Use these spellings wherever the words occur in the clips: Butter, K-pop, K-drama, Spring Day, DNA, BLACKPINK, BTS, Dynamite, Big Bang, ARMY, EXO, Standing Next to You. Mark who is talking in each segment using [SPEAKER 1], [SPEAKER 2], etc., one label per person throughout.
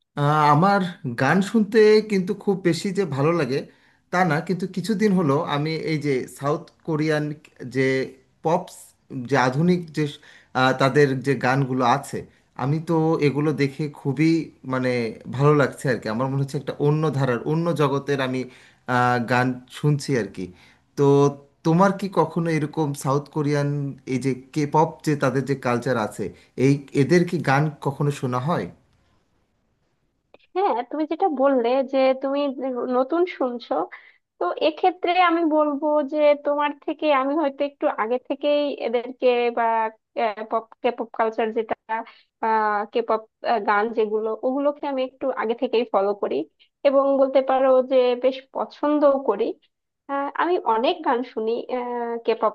[SPEAKER 1] আমার গান শুনতে কিন্তু খুব বেশি যে ভালো লাগে তা না, কিন্তু কিছুদিন হলো আমি এই যে সাউথ কোরিয়ান যে পপস, যে আধুনিক যে তাদের যে গানগুলো আছে, আমি তো এগুলো দেখে খুবই মানে ভালো লাগছে আর কি। আমার মনে হচ্ছে একটা অন্য ধারার, অন্য জগতের আমি গান শুনছি আর কি। তো তোমার কি কখনো এরকম সাউথ কোরিয়ান এই যে কে পপ, যে তাদের যে কালচার আছে, এই এদের কি গান কখনো শোনা হয়?
[SPEAKER 2] হ্যাঁ, তুমি যেটা বললে যে তুমি নতুন শুনছো, তো এক্ষেত্রে আমি বলবো যে তোমার থেকে আমি হয়তো একটু আগে থেকেই এদেরকে বা পপ, কে পপ কালচার যেটা, কে পপ গান যেগুলো ওগুলোকে আমি একটু আগে থেকেই ফলো করি এবং বলতে পারো যে বেশ পছন্দও করি। আমি অনেক গান শুনি, কে পপ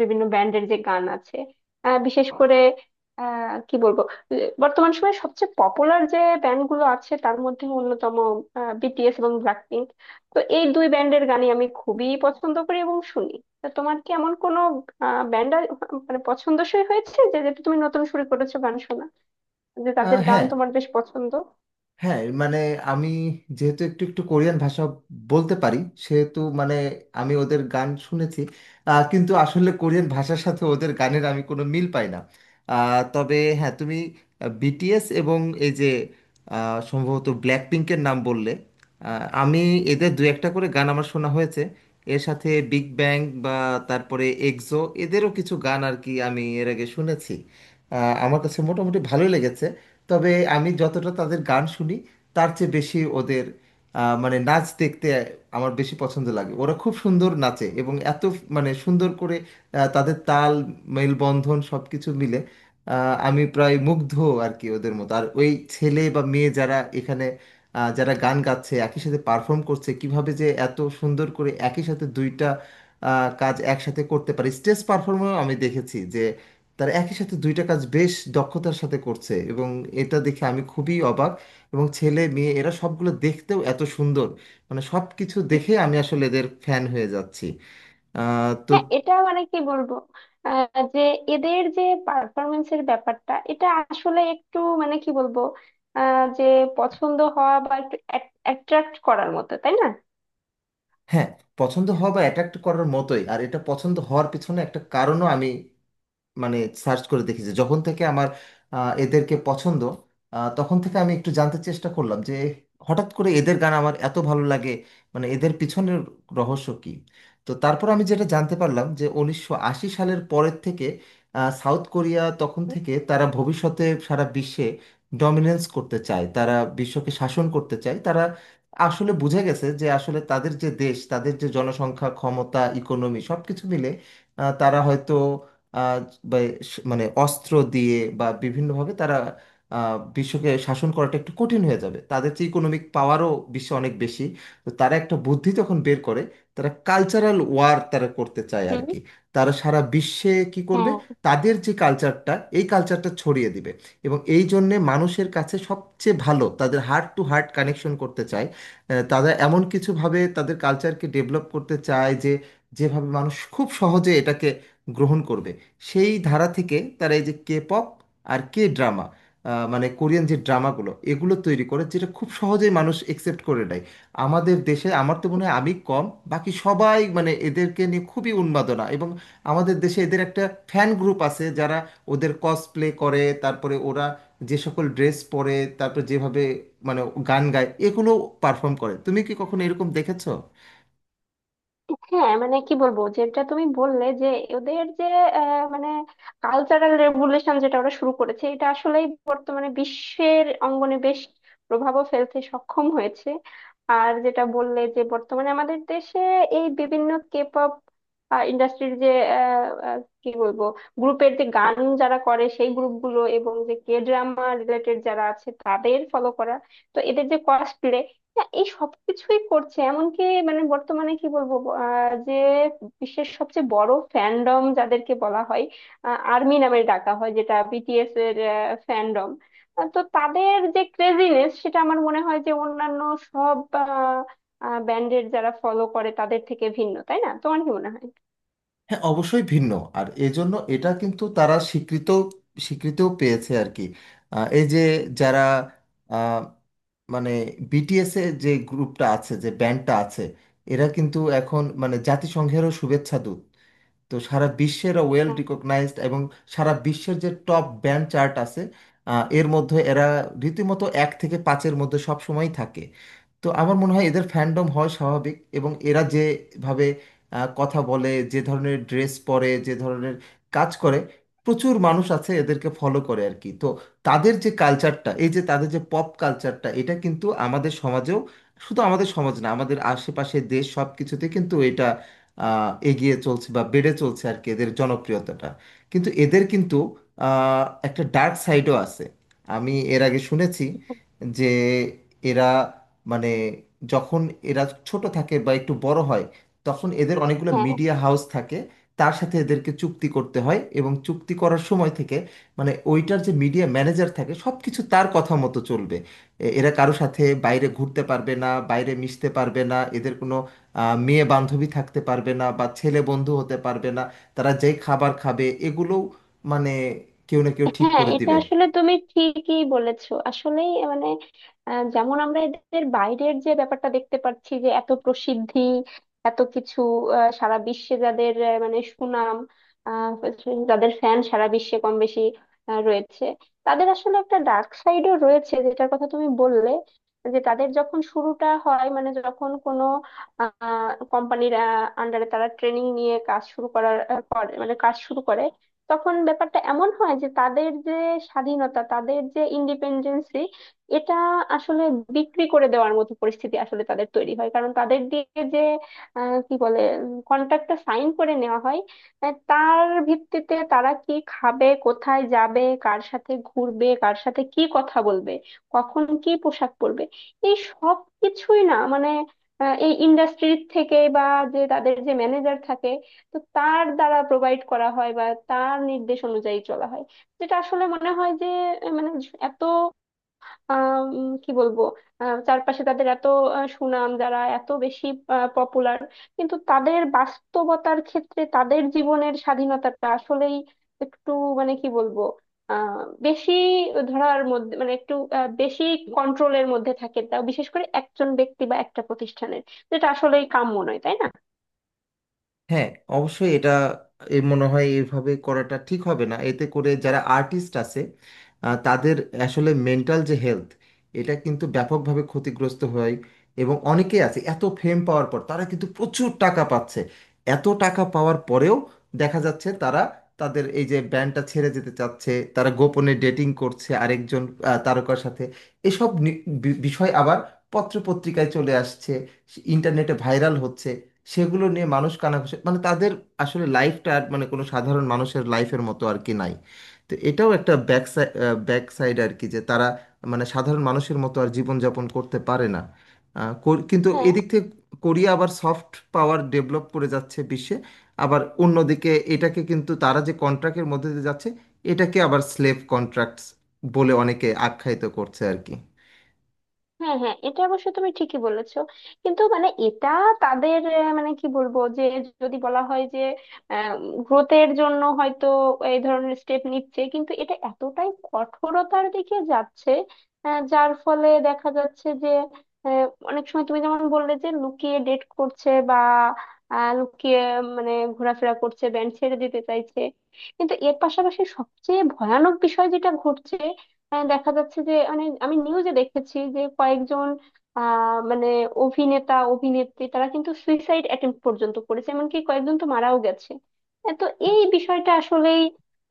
[SPEAKER 2] বিভিন্ন ব্যান্ডের যে গান আছে। বিশেষ করে কি বলবো, বর্তমান সময়ে সবচেয়ে পপুলার যে ব্যান্ডগুলো আছে তার মধ্যে অন্যতম বিটিএস এবং ব্ল্যাকপিঙ্ক। তো এই দুই ব্যান্ডের গানই আমি খুবই পছন্দ করি এবং শুনি। তা তোমার কি এমন কোনো ব্যান্ড মানে পছন্দসই হয়েছে, যে যেটা তুমি নতুন শুরু করেছো গান শোনা, যে তাদের গান
[SPEAKER 1] হ্যাঁ,
[SPEAKER 2] তোমার বেশ পছন্দ?
[SPEAKER 1] হ্যাঁ, মানে আমি যেহেতু একটু একটু কোরিয়ান ভাষা বলতে পারি, সেহেতু মানে আমি ওদের গান শুনেছি। কিন্তু আসলে কোরিয়ান ভাষার সাথে ওদের গানের আমি কোনো মিল পাই না। তবে হ্যাঁ, তুমি বিটিএস এবং এই যে সম্ভবত ব্ল্যাক পিঙ্কের নাম বললে, আমি এদের দু একটা করে গান আমার শোনা হয়েছে। এর সাথে বিগ ব্যাং বা তারপরে এক্সো এদেরও কিছু গান আর কি আমি এর আগে শুনেছি। আমার কাছে মোটামুটি ভালোই লেগেছে। তবে আমি যতটা তাদের গান শুনি, তার চেয়ে বেশি ওদের মানে নাচ দেখতে আমার বেশি পছন্দ লাগে। ওরা খুব সুন্দর নাচে এবং এত মানে সুন্দর করে তাদের তাল মেলবন্ধন সব কিছু মিলে আমি প্রায় মুগ্ধ আর কি। ওদের মতো আর ওই ছেলে বা মেয়ে যারা এখানে যারা গান গাচ্ছে, একই সাথে পারফর্ম করছে, কিভাবে যে এত সুন্দর করে একই সাথে দুইটা কাজ একসাথে করতে পারে। স্টেজ পারফর্মেও আমি দেখেছি যে তারা একই সাথে দুইটা কাজ বেশ দক্ষতার সাথে করছে, এবং এটা দেখে আমি খুবই অবাক। এবং ছেলে মেয়ে এরা সবগুলো দেখতেও এত সুন্দর, মানে সব কিছু দেখে আমি আসলে এদের ফ্যান হয়ে যাচ্ছি। তো
[SPEAKER 2] হ্যাঁ, এটা মানে কি বলবো, যে এদের যে পারফরমেন্সের ব্যাপারটা, এটা আসলে একটু মানে কি বলবো, যে পছন্দ হওয়া বা একটু অ্যাট্রাক্ট করার মতো, তাই না?
[SPEAKER 1] হ্যাঁ, পছন্দ হওয়া বা অ্যাট্রাক্ট করার মতোই। আর এটা পছন্দ হওয়ার পিছনে একটা কারণও আমি মানে সার্চ করে দেখি। যে যখন থেকে আমার এদেরকে পছন্দ, তখন থেকে আমি একটু জানতে চেষ্টা করলাম যে হঠাৎ করে এদের গান আমার এত ভালো লাগে, মানে এদের পিছনের রহস্য কি। তো তারপর আমি যেটা জানতে পারলাম, যে 1980 সালের পরের থেকে সাউথ কোরিয়া তখন থেকে তারা ভবিষ্যতে সারা বিশ্বে ডমিনেন্স করতে চায়। তারা বিশ্বকে শাসন করতে চায়। তারা আসলে বুঝে গেছে যে আসলে তাদের যে দেশ, তাদের যে জনসংখ্যা, ক্ষমতা, ইকোনমি সব কিছু মিলে তারা হয়তো বা মানে অস্ত্র দিয়ে বা বিভিন্নভাবে তারা বিশ্বকে শাসন করাটা একটু কঠিন হয়ে যাবে। তাদের যে ইকোনমিক পাওয়ারও বিশ্বে অনেক বেশি। তো তারা একটা বুদ্ধি যখন বের করে, তারা কালচারাল ওয়ার তারা করতে চায় আর কি। তারা সারা বিশ্বে কি করবে,
[SPEAKER 2] হ্যাঁ,
[SPEAKER 1] তাদের যে কালচারটা এই কালচারটা ছড়িয়ে দিবে। এবং এই জন্যে মানুষের কাছে সবচেয়ে ভালো তাদের হার্ট টু হার্ট কানেকশন করতে চায়। তারা এমন কিছুভাবে তাদের কালচারকে ডেভেলপ করতে চায় যে যেভাবে মানুষ খুব সহজে এটাকে গ্রহণ করবে। সেই ধারা থেকে তারা এই যে কে পপ আর কে ড্রামা, মানে কোরিয়ান যে ড্রামাগুলো এগুলো তৈরি করে, যেটা খুব সহজেই মানুষ একসেপ্ট করে নেয়। আমাদের দেশে আমার তো মনে হয় আমি কম, বাকি সবাই মানে এদেরকে নিয়ে খুবই উন্মাদনা। এবং আমাদের দেশে এদের একটা ফ্যান গ্রুপ আছে যারা ওদের কসপ্লে করে। তারপরে ওরা যে সকল ড্রেস পরে, তারপর যেভাবে মানে গান গায়, এগুলো পারফর্ম করে। তুমি কি কখনো এরকম দেখেছো?
[SPEAKER 2] হ্যাঁ, মানে কি বলবো, যেটা তুমি বললে যে ওদের যে মানে কালচারাল রেভলিউশন যেটা ওরা শুরু করেছে, এটা আসলেই বর্তমানে বিশ্বের অঙ্গনে বেশ প্রভাবও ফেলতে সক্ষম হয়েছে। আর যেটা বললে যে বর্তমানে আমাদের দেশে এই বিভিন্ন কে পপ ইন্ডাস্ট্রির যে আহ, আহ, কি বলবো, গ্রুপের যে গান যারা করে, সেই গ্রুপগুলো এবং যে কে ড্রামা রিলেটেড যারা আছে তাদের ফলো করা, তো এদের যে কসপ্লে, না, এই সবকিছুই করছে। এমনকি মানে বর্তমানে কি বলবো, যে বিশ্বের সবচেয়ে বড় ফ্যান্ডম যাদেরকে বলা হয়, আর্মি নামে ডাকা হয়, যেটা বিটিএস এর ফ্যান্ডম। তো তাদের যে ক্রেজিনেস, সেটা আমার মনে হয় যে অন্যান্য সব ব্যান্ডের যারা ফলো করে তাদের থেকে ভিন্ন, তাই না? তোমার কি মনে হয়?
[SPEAKER 1] হ্যাঁ, অবশ্যই ভিন্ন। আর এজন্য এটা কিন্তু তারা স্বীকৃত, স্বীকৃতিও পেয়েছে আর কি। এই যে যারা আহ, মানে বিটিএস এর যে গ্রুপটা আছে, যে ব্যান্ডটা আছে, এরা কিন্তু এখন মানে জাতিসংঘেরও শুভেচ্ছা দূত। তো সারা বিশ্বে এরা ওয়েল
[SPEAKER 2] হ্যাঁ,
[SPEAKER 1] রিকগনাইজড। এবং সারা বিশ্বের যে টপ ব্যান্ড চার্ট আছে, এর মধ্যে এরা রীতিমতো এক থেকে পাঁচের মধ্যে সব সময়ই থাকে। তো আমার মনে হয় এদের ফ্যান্ডম হয় স্বাভাবিক। এবং এরা যেভাবে কথা বলে, যে ধরনের ড্রেস পরে, যে ধরনের কাজ করে, প্রচুর মানুষ আছে এদেরকে ফলো করে আর কি। তো তাদের যে কালচারটা, এই যে তাদের যে পপ কালচারটা, এটা কিন্তু আমাদের সমাজেও, শুধু আমাদের সমাজ না, আমাদের আশেপাশে দেশ সব কিছুতে কিন্তু এটা এগিয়ে চলছে বা বেড়ে চলছে আর কি, এদের জনপ্রিয়তাটা। কিন্তু এদের কিন্তু একটা ডার্ক সাইডও আছে। আমি এর আগে শুনেছি যে এরা মানে যখন এরা ছোট থাকে বা একটু বড় হয়, তখন এদের অনেকগুলো
[SPEAKER 2] হ্যাঁ,
[SPEAKER 1] মিডিয়া হাউস থাকে, তার সাথে এদেরকে চুক্তি করতে হয়। এবং চুক্তি করার সময় থেকে মানে ওইটার যে মিডিয়া ম্যানেজার থাকে, সব কিছু তার কথা মতো চলবে। এরা কারো সাথে বাইরে ঘুরতে পারবে না, বাইরে মিশতে পারবে না, এদের কোনো মেয়ে বান্ধবী থাকতে পারবে না বা ছেলে বন্ধু হতে পারবে না। তারা যেই খাবার খাবে এগুলোও মানে কেউ না কেউ ঠিক
[SPEAKER 2] হ্যাঁ,
[SPEAKER 1] করে
[SPEAKER 2] এটা
[SPEAKER 1] দিবে।
[SPEAKER 2] আসলে তুমি ঠিকই বলেছো। আসলেই মানে যেমন আমরা এদের বাইরের যে ব্যাপারটা দেখতে পাচ্ছি, যে এত প্রসিদ্ধি, এত কিছু, সারা বিশ্বে যাদের মানে সুনাম, আহ, যাদের ফ্যান সারা বিশ্বে কম বেশি রয়েছে, তাদের আসলে একটা ডার্ক সাইডও রয়েছে যেটার কথা তুমি বললে, যে তাদের যখন শুরুটা হয়, মানে যখন কোনো কোম্পানির আন্ডারে তারা ট্রেনিং নিয়ে কাজ শুরু করে, মানে কাজ শুরু করে, তখন ব্যাপারটা এমন হয় যে তাদের যে স্বাধীনতা, তাদের যে ইন্ডিপেন্ডেন্সি, এটা আসলে বিক্রি করে দেওয়ার মতো পরিস্থিতি আসলে তাদের তৈরি হয়। কারণ তাদের দিয়ে যে কি বলে, কন্ট্রাক্টটা সাইন করে নেওয়া হয়, তার ভিত্তিতে তারা কি খাবে, কোথায় যাবে, কার সাথে ঘুরবে, কার সাথে কি কথা বলবে, কখন কি পোশাক পরবে, এই সব কিছুই না মানে এই ইন্ডাস্ট্রির থেকে বা যে তাদের যে ম্যানেজার থাকে, তো তার দ্বারা প্রোভাইড করা হয় বা তার নির্দেশ অনুযায়ী চলা হয়। যেটা আসলে মনে হয় যে মানে এত কি বলবো, চারপাশে তাদের এত সুনাম, যারা এত বেশি পপুলার, কিন্তু তাদের বাস্তবতার ক্ষেত্রে তাদের জীবনের স্বাধীনতাটা আসলেই একটু মানে কি বলবো, বেশি ধরার মধ্যে, মানে একটু বেশি কন্ট্রোলের মধ্যে থাকে, তা বিশেষ করে একজন ব্যক্তি বা একটা প্রতিষ্ঠানের, যেটা আসলেই কাম্য নয়, তাই না?
[SPEAKER 1] হ্যাঁ, অবশ্যই এটা, এ মনে হয় এইভাবে করাটা ঠিক হবে না। এতে করে যারা আর্টিস্ট আছে তাদের আসলে মেন্টাল যে হেলথ, এটা কিন্তু ব্যাপকভাবে ক্ষতিগ্রস্ত হয়। এবং অনেকেই আছে এত ফেম পাওয়ার পর, তারা কিন্তু প্রচুর টাকা পাচ্ছে, এত টাকা পাওয়ার পরেও দেখা যাচ্ছে তারা তাদের এই যে ব্যান্ডটা ছেড়ে যেতে চাচ্ছে, তারা গোপনে ডেটিং করছে আরেকজন তারকার সাথে। এসব বিষয় আবার পত্রপত্রিকায় চলে আসছে, ইন্টারনেটে ভাইরাল হচ্ছে, সেগুলো নিয়ে মানুষ কানাঘুষা, মানে তাদের আসলে লাইফটা আর মানে কোনো সাধারণ মানুষের লাইফের মতো আর কি নাই। তো এটাও একটা ব্যাক সাইড আর কি, যে তারা মানে সাধারণ মানুষের মতো আর জীবনযাপন করতে পারে না। কিন্তু
[SPEAKER 2] হ্যাঁ,
[SPEAKER 1] এদিক থেকে কোরিয়া আবার সফট পাওয়ার ডেভেলপ করে যাচ্ছে বিশ্বে। আবার অন্যদিকে এটাকে কিন্তু তারা যে কন্ট্রাক্টের মধ্যে দিয়ে যাচ্ছে, এটাকে আবার স্লেভ কন্ট্রাক্টস বলে অনেকে আখ্যায়িত করছে আর কি।
[SPEAKER 2] হ্যাঁ, হ্যাঁ, এটা অবশ্য তুমি ঠিকই বলেছো। কিন্তু মানে এটা তাদের মানে কি বলবো, যে যদি বলা হয় যে গ্রোথের জন্য হয়তো এই ধরনের স্টেপ নিচ্ছে, কিন্তু এটা এতটাই কঠোরতার দিকে যাচ্ছে যার ফলে দেখা যাচ্ছে যে আহ, অনেক সময় তুমি যেমন বললে যে লুকিয়ে ডেট করছে বা লুকিয়ে মানে ঘোরাফেরা করছে, ব্যান্ড ছেড়ে দিতে চাইছে, কিন্তু এর পাশাপাশি সবচেয়ে ভয়ানক বিষয় যেটা ঘটছে, হ্যাঁ দেখা যাচ্ছে যে, মানে আমি নিউজে দেখেছি যে কয়েকজন মানে অভিনেতা অভিনেত্রী তারা কিন্তু সুইসাইড অ্যাটেম্প্ট পর্যন্ত করেছে, এমনকি কয়েকজন তো মারাও গেছে। হ্যাঁ, তো এই বিষয়টা আসলেই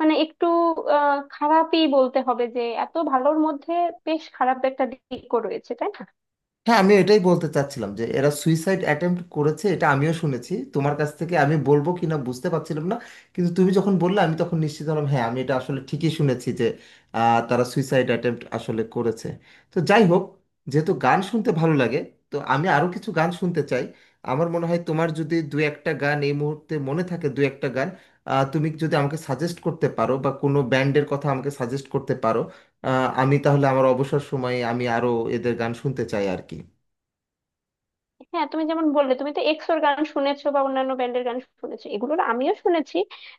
[SPEAKER 2] মানে একটু খারাপই বলতে হবে, যে এত ভালোর মধ্যে বেশ খারাপ একটা দিকও রয়েছে, তাই না?
[SPEAKER 1] হ্যাঁ, আমি এটাই বলতে চাচ্ছিলাম যে এরা সুইসাইড অ্যাটেম্প্ট করেছে, এটা আমিও শুনেছি। তোমার কাছ থেকে আমি বলবো কিনা বুঝতে পারছিলাম না, কিন্তু তুমি যখন বললে আমি তখন নিশ্চিত হলাম। হ্যাঁ, আমি এটা আসলে ঠিকই শুনেছি যে তারা সুইসাইড অ্যাটেম্প্ট আসলে করেছে। তো যাই হোক, যেহেতু গান শুনতে ভালো লাগে, তো আমি আরও কিছু গান শুনতে চাই। আমার মনে হয় তোমার যদি দু একটা গান এই মুহূর্তে মনে থাকে, দু একটা গান তুমি যদি আমাকে সাজেস্ট করতে পারো বা কোনো ব্যান্ডের কথা আমাকে সাজেস্ট করতে পারো, আমি তাহলে আমার অবসর সময়ে আমি আরও এদের গান শুনতে চাই আর কি।
[SPEAKER 2] হ্যাঁ, তুমি যেমন বললে তুমি তো এক্সোর গান শুনেছো বা অন্যান্য ব্যান্ডের গান শুনেছো, এগুলোর আমিও শুনেছি।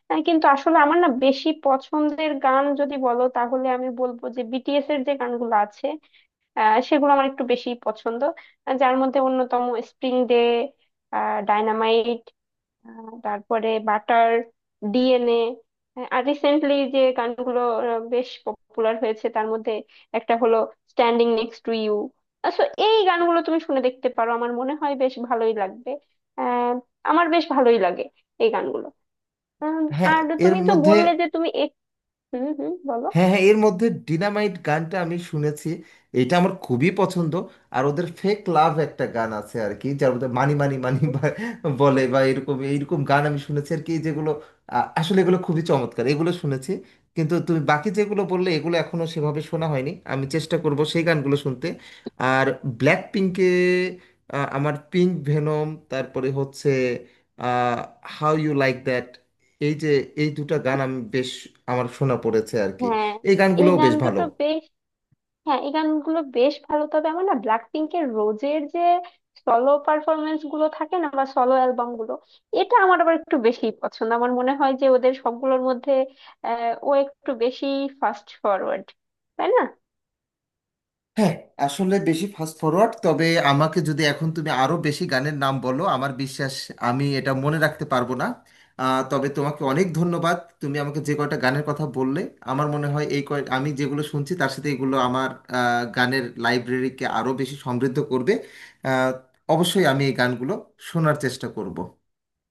[SPEAKER 2] কিন্তু আসলে আমার না বেশি পছন্দের গান যদি বলো, তাহলে আমি বলবো যে বিটিএস এর যে গানগুলো আছে সেগুলো আমার একটু বেশি পছন্দ, যার মধ্যে অন্যতম স্প্রিং ডে, ডাইনামাইট, তারপরে বাটার, ডিএনএ, আর রিসেন্টলি যে গানগুলো বেশ পপুলার হয়েছে তার মধ্যে একটা হলো standing next to you. So এই গানগুলো তুমি শুনে দেখতে পারো, আমার মনে হয় বেশ ভালোই লাগবে। আহ, আমার বেশ ভালোই লাগে এই গানগুলো। উম,
[SPEAKER 1] হ্যাঁ,
[SPEAKER 2] আর
[SPEAKER 1] এর
[SPEAKER 2] তুমি তো
[SPEAKER 1] মধ্যে,
[SPEAKER 2] বললে যে তুমি এক-, হুম, হুম, বলো।
[SPEAKER 1] হ্যাঁ হ্যাঁ, এর মধ্যে ডিনামাইট গানটা আমি শুনেছি, এটা আমার খুবই পছন্দ। আর ওদের ফেক লাভ একটা গান আছে আর কি, যার মধ্যে মানি মানি মানি বলে বা এরকম এইরকম গান আমি শুনেছি আর কি, যেগুলো আ, আসলে এগুলো খুবই চমৎকার, এগুলো শুনেছি। কিন্তু তুমি বাকি যেগুলো বললে এগুলো এখনো সেভাবে শোনা হয়নি, আমি চেষ্টা করব সেই গানগুলো শুনতে। আর ব্ল্যাক পিঙ্কে আমার পিঙ্ক ভেনম, তারপরে হচ্ছে হাউ ইউ লাইক দ্যাট, এই যে এই দুটো গান আমি বেশ আমার শোনা পড়েছে আর কি।
[SPEAKER 2] হ্যাঁ,
[SPEAKER 1] এই
[SPEAKER 2] এই
[SPEAKER 1] গানগুলোও
[SPEAKER 2] গান
[SPEAKER 1] বেশ ভালো।
[SPEAKER 2] দুটো বেশ, হ্যাঁ এই গানগুলো বেশ ভালো। তবে আমার না ব্ল্যাক পিঙ্কের রোজের যে সলো পারফরমেন্স গুলো থাকে না বা সলো অ্যালবাম গুলো, এটা আমার আবার একটু বেশি পছন্দ। আমার মনে হয় যে ওদের সবগুলোর মধ্যে ও একটু বেশি ফাস্ট ফরওয়ার্ড, তাই না?
[SPEAKER 1] হ্যাঁ, আসলে বেশি ফাস্ট ফরওয়ার্ড। তবে আমাকে যদি এখন তুমি আরো বেশি গানের নাম বলো, আমার বিশ্বাস আমি এটা মনে রাখতে পারবো না। তবে তোমাকে অনেক ধন্যবাদ। তুমি আমাকে যে কয়টা গানের কথা বললে, আমার মনে হয় এই কয়, আমি যেগুলো শুনছি তার সাথে এগুলো আমার গানের লাইব্রেরিকে আরো বেশি সমৃদ্ধ করবে। আহ, অবশ্যই আমি এই গানগুলো শোনার চেষ্টা করব।